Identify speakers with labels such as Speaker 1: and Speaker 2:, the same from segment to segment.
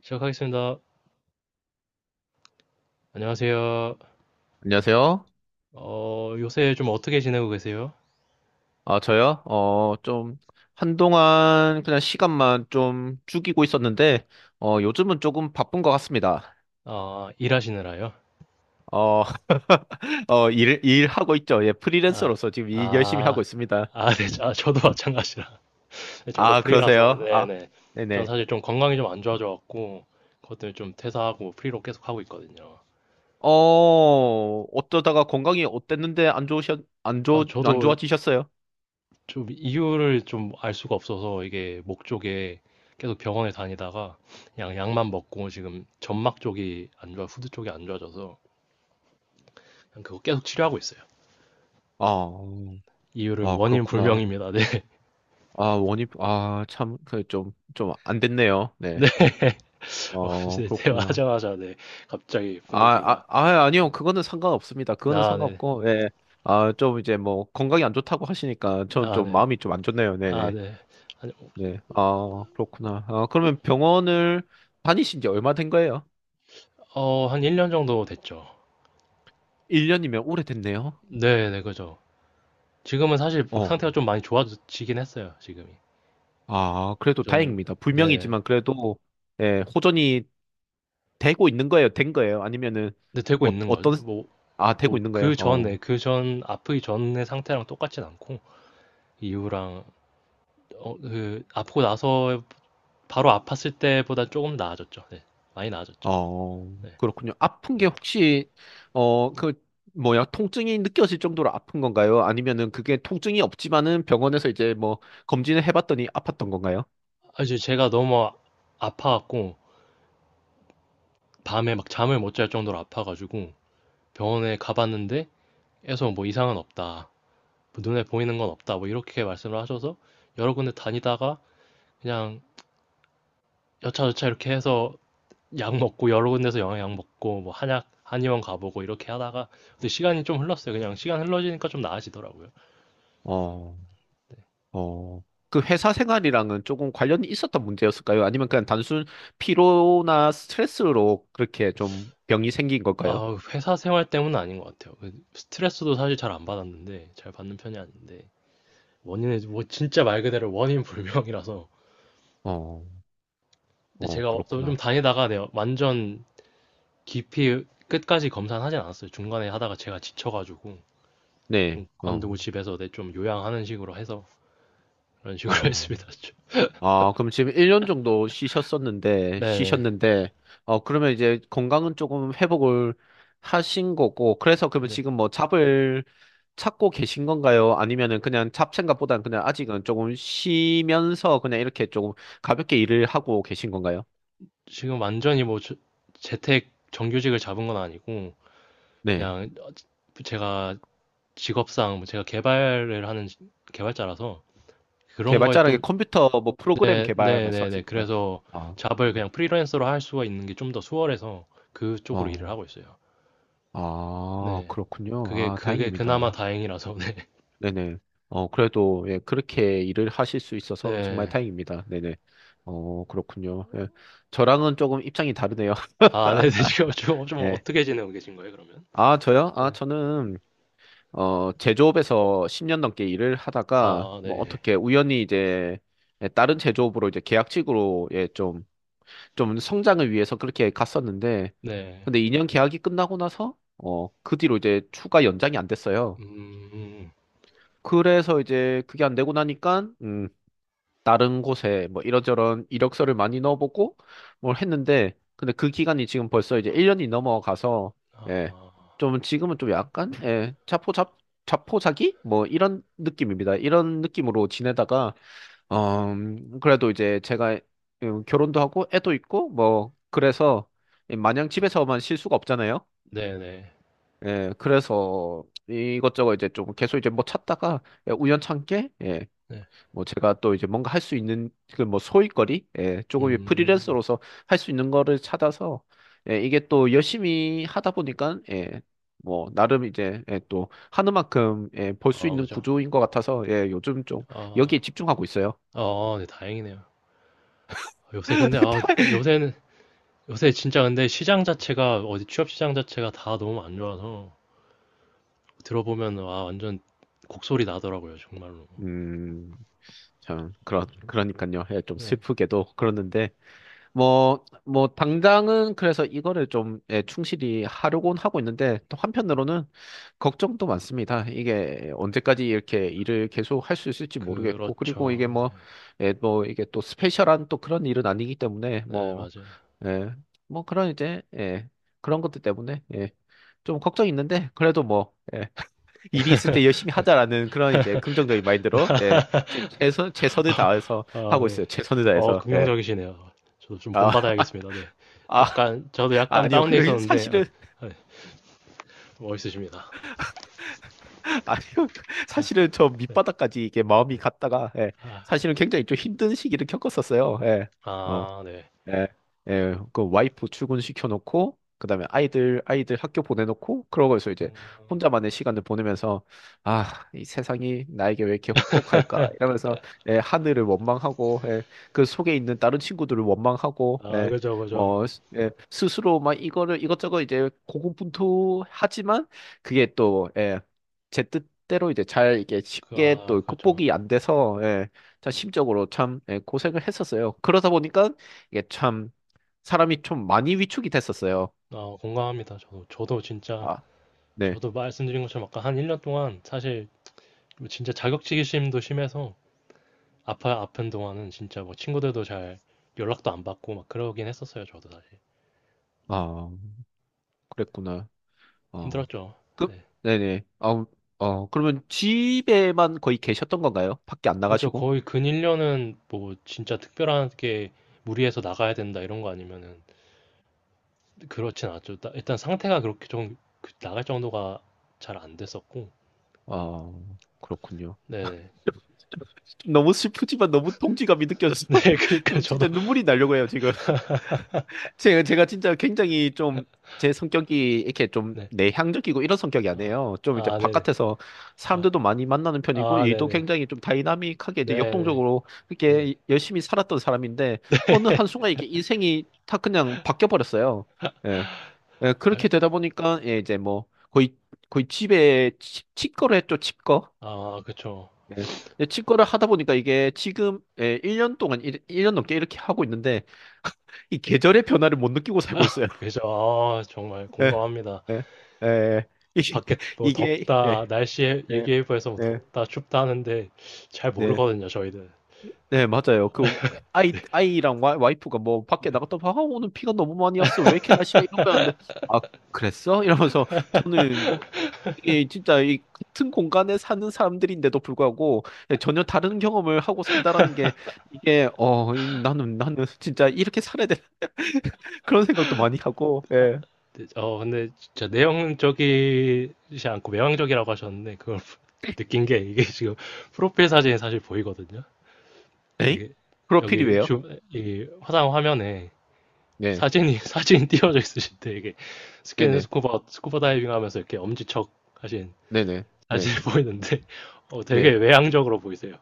Speaker 1: 시작하겠습니다. 안녕하세요.
Speaker 2: 안녕하세요.
Speaker 1: 요새 좀 어떻게 지내고 계세요?
Speaker 2: 아, 저요? 한동안 그냥 시간만 좀 죽이고 있었는데, 요즘은 조금 바쁜 것 같습니다.
Speaker 1: 아, 일하시느라요?
Speaker 2: 어, 일하고 있죠. 예,
Speaker 1: 아,
Speaker 2: 프리랜서로서 지금 일 열심히 하고
Speaker 1: 아,
Speaker 2: 있습니다.
Speaker 1: 아, 네, 아, 저도 마찬가지라. 네, 저도
Speaker 2: 아,
Speaker 1: 프리라서,
Speaker 2: 그러세요? 아,
Speaker 1: 네네. 전
Speaker 2: 네네.
Speaker 1: 사실 좀 건강이 좀 안 좋아져갖고, 그것 때문에 좀 퇴사하고 뭐 프리로 계속 하고 있거든요.
Speaker 2: 어, 어쩌다가 건강이 어땠는데 안 좋으셨, 안
Speaker 1: 아,
Speaker 2: 좋, 안
Speaker 1: 저도
Speaker 2: 좋아지셨어요?
Speaker 1: 좀 이유를 좀 알 수가 없어서 이게 목 쪽에 계속 병원에 다니다가 그냥 약만 먹고 지금 점막 쪽이 안 좋아, 후두 쪽이 안 좋아져서 그냥 그거 계속 치료하고 있어요.
Speaker 2: 아,
Speaker 1: 이유를
Speaker 2: 아,
Speaker 1: 원인
Speaker 2: 그렇구나.
Speaker 1: 불명입니다.
Speaker 2: 아, 참, 좀 안 됐네요. 네.
Speaker 1: 네.
Speaker 2: 어,
Speaker 1: 이제
Speaker 2: 그렇구나.
Speaker 1: 대화하자마자 네 갑자기 분위기가.
Speaker 2: 아니요. 그거는 상관없습니다. 그거는
Speaker 1: 아 네.
Speaker 2: 상관없고, 예. 아, 좀 이제 뭐 건강이 안 좋다고 하시니까 전
Speaker 1: 아
Speaker 2: 좀
Speaker 1: 네.
Speaker 2: 마음이 좀 안 좋네요.
Speaker 1: 아
Speaker 2: 네네.
Speaker 1: 네. 한,
Speaker 2: 네. 아, 그렇구나. 아, 그러면 병원을 다니신 지 얼마 된 거예요?
Speaker 1: 어한 1년 정도 됐죠.
Speaker 2: 1년이면 오래됐네요.
Speaker 1: 네네 그죠. 지금은 사실 뭐
Speaker 2: 어.
Speaker 1: 상태가 좀 많이 좋아지긴 했어요 지금이.
Speaker 2: 아, 그래도
Speaker 1: 그전.
Speaker 2: 다행입니다.
Speaker 1: 네.
Speaker 2: 불명이지만 그래도, 예, 호전이 되고 있는 거예요? 된 거예요?
Speaker 1: 네 되고
Speaker 2: 어,
Speaker 1: 있는 거죠.
Speaker 2: 어떤,
Speaker 1: 뭐
Speaker 2: 아, 되고
Speaker 1: 뭐
Speaker 2: 있는 거예요? 어.
Speaker 1: 그전 아프기 전의 상태랑 똑같진 않고 이후랑 그 아프고 나서 바로 아팠을 때보다 조금 나아졌죠. 네. 많이 나아졌죠.
Speaker 2: 어,
Speaker 1: 네.
Speaker 2: 그렇군요. 아픈 게
Speaker 1: 네.
Speaker 2: 혹시, 어, 그, 통증이 느껴질 정도로 아픈 건가요? 아니면은 그게 통증이 없지만은 병원에서 이제 뭐 검진을 해봤더니 아팠던 건가요?
Speaker 1: 아 이제 제가 너무 아파 갖고 밤에 막 잠을 못 잘 정도로 아파가지고 병원에 가봤는데 에서 뭐 이상은 없다. 뭐 눈에 보이는 건 없다. 뭐 이렇게 말씀을 하셔서 여러 군데 다니다가 그냥 여차저차 이렇게 해서 약 먹고 여러 군데서 영양 먹고 뭐 한약 한의원 가보고 이렇게 하다가 근데 시간이 좀 흘렀어요. 그냥 시간 흘러지니까 좀 나아지더라고요.
Speaker 2: 어, 어, 그 회사 생활이랑은 조금 관련이 있었던 문제였을까요? 아니면 그냥 단순 피로나 스트레스로 그렇게 좀 병이 생긴 걸까요?
Speaker 1: 아, 회사 생활 때문은 아닌 것 같아요. 그 스트레스도 사실 잘 안 받았는데 잘 받는 편이 아닌데 원인은 뭐 진짜 말 그대로 원인 불명이라서
Speaker 2: 어,
Speaker 1: 근데 제가 좀
Speaker 2: 그렇구나.
Speaker 1: 다니다가 내가 완전 깊이 끝까지 검사는 하진 않았어요. 중간에 하다가 제가 지쳐가지고
Speaker 2: 네,
Speaker 1: 좀 관두고
Speaker 2: 어,
Speaker 1: 집에서 내 좀 요양하는 식으로 해서 그런 식으로
Speaker 2: 어.
Speaker 1: 했습니다.
Speaker 2: 아, 그럼 지금 1년 정도
Speaker 1: 네네.
Speaker 2: 쉬셨는데, 그러면 이제 건강은 조금 회복을 하신 거고, 그래서 그러면
Speaker 1: 네.
Speaker 2: 지금 뭐 잡을 찾고 계신 건가요? 아니면은 그냥 잡생각보다는 그냥 아직은 조금 쉬면서 그냥 이렇게 조금 가볍게 일을 하고 계신 건가요?
Speaker 1: 지금 완전히 뭐 재택 정규직을 잡은 건 아니고
Speaker 2: 네.
Speaker 1: 그냥 제가 직업상 뭐 제가 개발을 하는 개발자라서 그런 거에
Speaker 2: 개발자라는 게
Speaker 1: 좀.
Speaker 2: 컴퓨터 뭐 프로그램
Speaker 1: 네,
Speaker 2: 개발
Speaker 1: 네, 네, 네.
Speaker 2: 말씀하신 건가요?
Speaker 1: 그래서
Speaker 2: 아,
Speaker 1: 잡을
Speaker 2: 음.
Speaker 1: 그냥 프리랜서로 할 수가 있는 게 좀 더 수월해서 그쪽으로 일을
Speaker 2: 어,
Speaker 1: 하고 있어요.
Speaker 2: 아,
Speaker 1: 네.
Speaker 2: 그렇군요.
Speaker 1: 그게
Speaker 2: 아,
Speaker 1: 그게 그나마
Speaker 2: 다행입니다.
Speaker 1: 다행이라서 네.
Speaker 2: 네네. 그래도, 예, 그렇게 일을 하실 수 있어서 정말
Speaker 1: 네.
Speaker 2: 다행입니다. 네네. 어, 그렇군요. 예. 저랑은 조금 입장이 다르네요.
Speaker 1: 아 네네. 지금 좀
Speaker 2: 네.
Speaker 1: 어떻게 지내고 계신 거예요 그러면?
Speaker 2: 아, 저요? 아,
Speaker 1: 네.
Speaker 2: 저는, 제조업에서 10년 넘게 일을 하다가,
Speaker 1: 아
Speaker 2: 뭐,
Speaker 1: 네.
Speaker 2: 어떻게 우연히 이제, 예, 다른 제조업으로 이제 계약직으로, 좀 성장을 위해서 그렇게 갔었는데,
Speaker 1: 네.
Speaker 2: 근데 2년 계약이 끝나고 나서, 그 뒤로 이제 추가 연장이 안 됐어요.
Speaker 1: 음.
Speaker 2: 그래서 이제 그게 안 되고 나니까, 다른 곳에 뭐 이런저런 이력서를 많이 넣어보고 뭘 했는데 근데 그 기간이 지금 벌써 이제 1년이 넘어가서 예.
Speaker 1: 아.
Speaker 2: 좀 지금은 좀 약간 자포자기 뭐 이런 느낌입니다. 이런 느낌으로 지내다가 어 그래도 이제 제가 결혼도 하고 애도 있고 뭐 그래서 마냥 집에서만 쉴 수가 없잖아요.
Speaker 1: 네네. 네.
Speaker 2: 예. 그래서 이것저것 이제 좀 계속 이제 뭐 찾다가 예, 우연찮게 예.
Speaker 1: 네.
Speaker 2: 뭐 제가 또 이제 뭔가 할 수 있는 그 뭐 소일거리 예, 조금
Speaker 1: 음.
Speaker 2: 프리랜서로서 할 수 있는 거를 찾아서 예, 이게 또 열심히 하다 보니까 예, 뭐 나름 이제 예, 또 하는 만큼 예, 벌 수
Speaker 1: 아
Speaker 2: 있는
Speaker 1: 그죠.
Speaker 2: 구조인 것 같아서 예, 요즘 좀
Speaker 1: 아.
Speaker 2: 여기에 집중하고 있어요.
Speaker 1: 아 네 다행이네요. 아, 요새 근데, 요새는 요새 진짜 근데 시장 자체가 어디 취업 시장 자체가 다 너무 안 좋아서 들어보면 와 완전 곡소리 나더라고요 정말로.
Speaker 2: 음, 참 그런 그러니까요. 예, 좀
Speaker 1: 네.
Speaker 2: 슬프게도 그러는데 뭐, 당장은 그래서 이거를 좀 예, 충실히 하려고는 하고 있는데, 또 한편으로는 걱정도 많습니다. 이게 언제까지 이렇게 일을 계속 할 수 있을지 모르겠고, 그리고 이게
Speaker 1: 그렇죠. 네.
Speaker 2: 뭐, 예, 뭐, 이게 또 스페셜한 또 그런 일은 아니기 때문에,
Speaker 1: 네
Speaker 2: 뭐,
Speaker 1: 맞아요.
Speaker 2: 예, 뭐 그런 이제, 예, 그런 것들 때문에, 예, 좀 걱정이 있는데, 그래도 뭐, 예, 일이 있을 때 열심히 하자라는 그런 이제 긍정적인 마인드로, 예, 최선을 다해서
Speaker 1: 아,
Speaker 2: 하고
Speaker 1: 네.
Speaker 2: 있어요. 최선을 다해서, 예.
Speaker 1: 긍정적이시네요. 저도 좀
Speaker 2: 아,
Speaker 1: 본받아야겠습니다. 네.
Speaker 2: 아.
Speaker 1: 약간, 저도 약간
Speaker 2: 아니요,
Speaker 1: 다운돼
Speaker 2: 그
Speaker 1: 있었는데, 아,
Speaker 2: 사실은
Speaker 1: 아, 네. 멋있으십니다.
Speaker 2: 아니요, 사실은 저
Speaker 1: 네.
Speaker 2: 밑바닥까지 이게 마음이 갔다가 예,
Speaker 1: 아,
Speaker 2: 사실은 굉장히 좀 힘든 시기를 겪었었어요. 예. 어.
Speaker 1: 아, 네.
Speaker 2: 예, 예, 그 와이프 출근시켜놓고, 그 다음에 아이들 학교 보내놓고, 그러고서 이제
Speaker 1: 음,
Speaker 2: 혼자만의 시간을 보내면서, 아, 이 세상이 나에게 왜 이렇게 혹독할까? 이러면서, 예, 하늘을 원망하고, 예, 그 속에 있는 다른 친구들을 원망하고,
Speaker 1: 아,
Speaker 2: 예,
Speaker 1: 그죠, 그죠.
Speaker 2: 스스로 막 이거를 이것저것 이제 고군분투하지만, 그게 또, 예, 제 뜻대로 이제 잘 이게
Speaker 1: 그,
Speaker 2: 쉽게
Speaker 1: 아,
Speaker 2: 또
Speaker 1: 그죠.
Speaker 2: 극복이 안 돼서, 예, 참 심적으로 참 예, 고생을 했었어요. 그러다 보니까 이게 참 사람이 좀 많이 위축이 됐었어요.
Speaker 1: 아, 공감합니다. 저도 진짜,
Speaker 2: 아, 네.
Speaker 1: 저도 말씀드린 것처럼 아까 한 1년 동안 사실 뭐 진짜 자격지심도 심해서 아픈 동안은 진짜 뭐 친구들도 잘 연락도 안 받고 막 그러긴 했었어요. 저도 사실.
Speaker 2: 아, 그랬구나. 어.
Speaker 1: 힘들었죠. 네.
Speaker 2: 네네. 어, 그러면 집에만 거의 계셨던 건가요? 밖에 안
Speaker 1: 그죠.
Speaker 2: 나가시고?
Speaker 1: 거의 근일년은 뭐 진짜 특별하게 무리해서 나가야 된다 이런 거 아니면은 그렇진 않죠. 일단 상태가 그렇게 좀그 나갈 정도가 잘 안 됐었고.
Speaker 2: 어, 그렇군요.
Speaker 1: 네네.
Speaker 2: 좀 너무 슬프지만 너무 동지감이 느껴져서
Speaker 1: 네, 그러니까
Speaker 2: 좀
Speaker 1: 저도.
Speaker 2: 진짜 눈물이 나려고 해요, 지금. 제가 진짜 굉장히 좀 제 성격이 이렇게 좀
Speaker 1: 네.
Speaker 2: 내향적이고 이런 성격이
Speaker 1: 아,
Speaker 2: 아니에요. 좀 이제
Speaker 1: 아, 네네.
Speaker 2: 바깥에서
Speaker 1: 아,
Speaker 2: 사람들도 많이 만나는 편이고
Speaker 1: 아,
Speaker 2: 일도
Speaker 1: 네네.
Speaker 2: 굉장히 좀 다이나믹하게 이제
Speaker 1: 네네.
Speaker 2: 역동적으로
Speaker 1: 네.
Speaker 2: 이렇게 열심히 살았던 사람인데 어느 한순간 이게 인생이 다 그냥 바뀌어 버렸어요. 예. 예,
Speaker 1: 아,
Speaker 2: 그렇게 되다 보니까 예, 이제 뭐 거의 거의 집에 치과를 했죠, 치과.
Speaker 1: 아, 그쵸.
Speaker 2: 예. 근데 치과를 하다 보니까 이게 지금 예, 1년 동안 일 1년 넘게 이렇게 하고 있는데 이 계절의 변화를 못 느끼고
Speaker 1: 아,
Speaker 2: 살고 있어요.
Speaker 1: 그죠. 아, 정말
Speaker 2: 에,
Speaker 1: 공감합니다.
Speaker 2: 에, 에,
Speaker 1: 밖에 뭐 덥다,
Speaker 2: 예,
Speaker 1: 날씨
Speaker 2: 예,
Speaker 1: 얘기해보에서 뭐
Speaker 2: 예,
Speaker 1: 덥다, 춥다 하는데 잘
Speaker 2: 네,
Speaker 1: 모르거든요, 저희들.
Speaker 2: 네, 맞아요. 그, 아이랑 와이프가 뭐, 밖에
Speaker 1: 네.
Speaker 2: 나갔다가, 아, 오늘 비가 너무 많이 왔어. 왜 이렇게 날씨가 이런 거였는데 아, 그랬어? 이러면서, 저는, 이게 진짜, 이 같은 공간에 사는 사람들인데도 불구하고, 네, 전혀 다른 경험을 하고 산다라는 게, 나는, 나는 진짜 이렇게 살아야 돼. 그런 생각도 많이 하고,
Speaker 1: 아,
Speaker 2: 예.
Speaker 1: 네, 근데 진짜 내용적이지 않고 외향적이라고 하셨는데 그걸 느낀 게 이게 지금 프로필 사진이 사실 보이거든요.
Speaker 2: 에잉?
Speaker 1: 이게
Speaker 2: 프로필이
Speaker 1: 여기
Speaker 2: 왜요?
Speaker 1: 주, 이 화상 화면에
Speaker 2: 네,
Speaker 1: 사진이 사진이 띄워져 있으신데 이게 스킨
Speaker 2: 네네,
Speaker 1: 스쿠버 다이빙 하면서 이렇게 엄지척 하신
Speaker 2: 네네, 네,
Speaker 1: 사진이 보이는데 되게
Speaker 2: 네.
Speaker 1: 외향적으로 보이세요.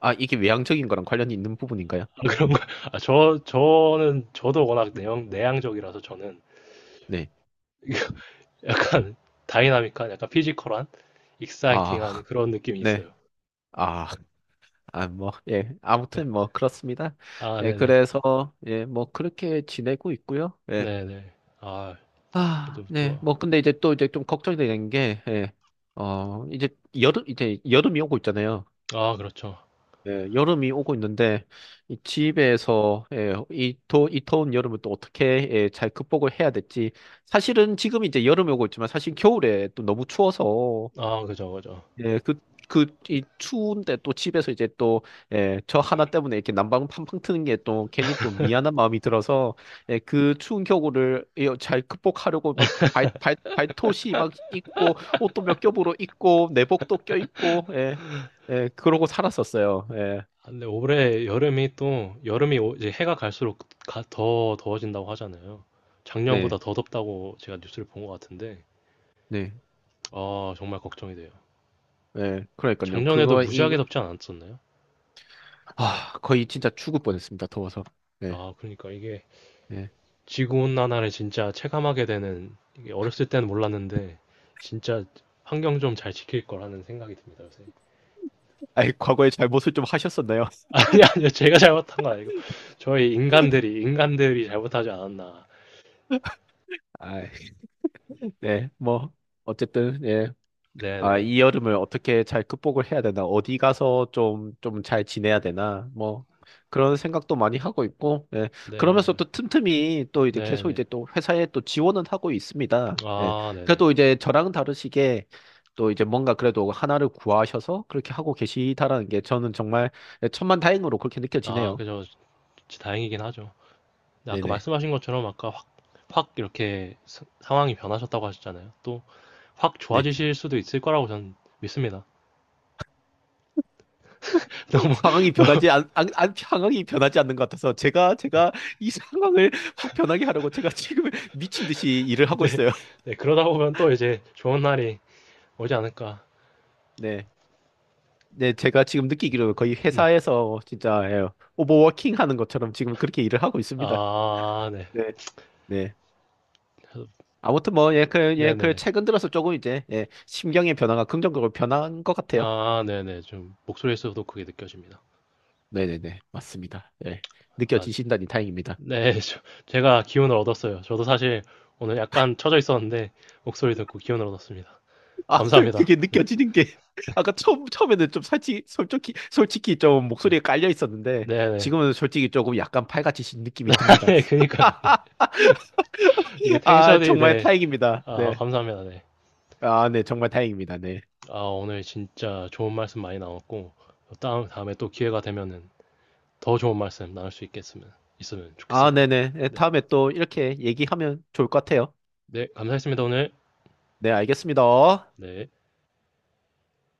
Speaker 2: 아, 이게 외향적인 거랑 관련이 있는 부분인가요?
Speaker 1: 아, 그런 거, 아, 저도 워낙 내향적이라서 저는
Speaker 2: 네.
Speaker 1: 약간 다이나믹한, 약간 피지컬한, 익사이팅한
Speaker 2: 아,
Speaker 1: 그런 느낌이
Speaker 2: 네.
Speaker 1: 있어요.
Speaker 2: 아, 아, 뭐, 예. 아무튼 뭐, 그렇습니다.
Speaker 1: 아,
Speaker 2: 예,
Speaker 1: 네네.
Speaker 2: 그래서, 예, 뭐, 그렇게 지내고 있고요. 예.
Speaker 1: 네네. 아,
Speaker 2: 아,
Speaker 1: 그래도
Speaker 2: 네.
Speaker 1: 또,
Speaker 2: 뭐, 근데 이제 또 이제 좀 걱정이 되는 게, 예. 어, 이제 이제 여름이 오고 있잖아요.
Speaker 1: 아, 그렇죠.
Speaker 2: 예, 여름이 오고 있는데, 이 집에서, 예, 이 더운 여름을 또 어떻게, 예, 잘 극복을 해야 될지. 사실은 지금 이제 여름이 오고 있지만, 사실 겨울에 또 너무 추워서,
Speaker 1: 아, 그죠, 그죠.
Speaker 2: 예, 그, 이 추운데 또 집에서 이제 또, 예, 저 하나 때문에 이렇게 난방 팡팡 트는 게 또 괜히 또 미안한 마음이 들어서, 예, 그 추운 겨울을 예, 잘 극복하려고 막 발토시 막 입고, 옷도 몇 겹으로 입고, 내복도 껴입고, 예, 예, 그러고 살았었어요. 예,
Speaker 1: 아, 근데 올해 여름이 또, 여름이 이제 해가 갈수록 더 더워진다고 하잖아요. 작년보다
Speaker 2: 네,
Speaker 1: 더 덥다고 제가 뉴스를 본 것 같은데,
Speaker 2: 네,
Speaker 1: 아, 정말 걱정이 돼요.
Speaker 2: 예, 그러니까요.
Speaker 1: 작년에도 무지하게 덥지 않았었나요?
Speaker 2: 아, 거의 진짜 죽을 뻔했습니다. 더워서. 네,
Speaker 1: 아, 그러니까 이게
Speaker 2: 네.
Speaker 1: 지구온난화를 진짜 체감하게 되는, 이게 어렸을 때는 몰랐는데, 진짜 환경 좀 잘 지킬 거라는 생각이 듭니다, 요새.
Speaker 2: 아이, 과거에 잘못을 좀 하셨었나요?
Speaker 1: 아니, 아니요. 제가 잘못한 거 아니고, 저희 인간들이 잘못하지 않았나.
Speaker 2: 아이, 네, 뭐, 어쨌든, 예. 아,
Speaker 1: 네네.
Speaker 2: 이 여름을 어떻게 잘 극복을 해야 되나, 어디 가서 좀 잘 지내야 되나, 뭐, 그런 생각도 많이 하고 있고, 예.
Speaker 1: 네,
Speaker 2: 그러면서
Speaker 1: 그죠.
Speaker 2: 또 틈틈이 또 이제 계속
Speaker 1: 네네.
Speaker 2: 이제 또 회사에 또 지원은 하고 있습니다. 예.
Speaker 1: 아, 네네.
Speaker 2: 그래도 이제 저랑 다르시게 또 이제 뭔가 그래도 하나를 구하셔서 그렇게 하고 계시다라는 게 저는 정말 천만다행으로 그렇게
Speaker 1: 아,
Speaker 2: 느껴지네요.
Speaker 1: 그죠. 진짜 다행이긴 하죠. 근데 아까
Speaker 2: 네네.
Speaker 1: 말씀하신 것처럼 아까 확 이렇게 상황이 변하셨다고 하셨잖아요. 또 확
Speaker 2: 네.
Speaker 1: 좋아지실 수도 있을 거라고 저는 믿습니다. 너무,
Speaker 2: 상황이
Speaker 1: 너무,
Speaker 2: 변하지 않, 안, 안- 상황이 변하지 않는 것 같아서 제가 이 상황을 확 변하게 하려고 제가 지금 미친 듯이 일을 하고
Speaker 1: 네.
Speaker 2: 있어요.
Speaker 1: 네, 그러다 보면 또 이제 좋은 날이 오지 않을까.
Speaker 2: 네. 네, 제가 지금 느끼기로 거의
Speaker 1: 네.
Speaker 2: 회사에서 진짜 예, 오버워킹 하는 것처럼 지금 그렇게 일을 하고 있습니다.
Speaker 1: 아, 네.
Speaker 2: 네. 네. 아무튼 뭐 예, 그, 예, 그
Speaker 1: 네네네.
Speaker 2: 최근 들어서 조금 이제 예, 심경의 변화가 긍정적으로 변한 것 같아요.
Speaker 1: 아, 네네. 좀 목소리에서도 그게 느껴집니다.
Speaker 2: 네네네. 맞습니다. 예.
Speaker 1: 아,
Speaker 2: 느껴지신다니 다행입니다.
Speaker 1: 네. 제가 기운을 얻었어요. 저도 사실 오늘 약간 처져 있었는데 목소리 듣고 기운을 얻었습니다.
Speaker 2: 아,
Speaker 1: 감사합니다.
Speaker 2: 그게 느껴지는 게 아까 처음에는 좀 솔직히 좀 목소리에 깔려 있었는데
Speaker 1: 네네.
Speaker 2: 지금은 솔직히 조금 약간 팔같이신 느낌이 듭니다.
Speaker 1: 네, 그니까요. 이게
Speaker 2: 아,
Speaker 1: 텐션이,
Speaker 2: 정말
Speaker 1: 네.
Speaker 2: 다행입니다.
Speaker 1: 아,
Speaker 2: 네.
Speaker 1: 감사합니다. 네.
Speaker 2: 아, 네, 정말 다행입니다. 네.
Speaker 1: 아, 오늘 진짜 좋은 말씀 많이 나왔고, 다음에 또 기회가 되면은 더 좋은 말씀 나눌 수 있으면
Speaker 2: 아,
Speaker 1: 좋겠습니다.
Speaker 2: 네네. 네,
Speaker 1: 네.
Speaker 2: 다음에 또 이렇게 얘기하면 좋을 것 같아요.
Speaker 1: 네, 감사했습니다, 오늘.
Speaker 2: 네, 알겠습니다.
Speaker 1: 네.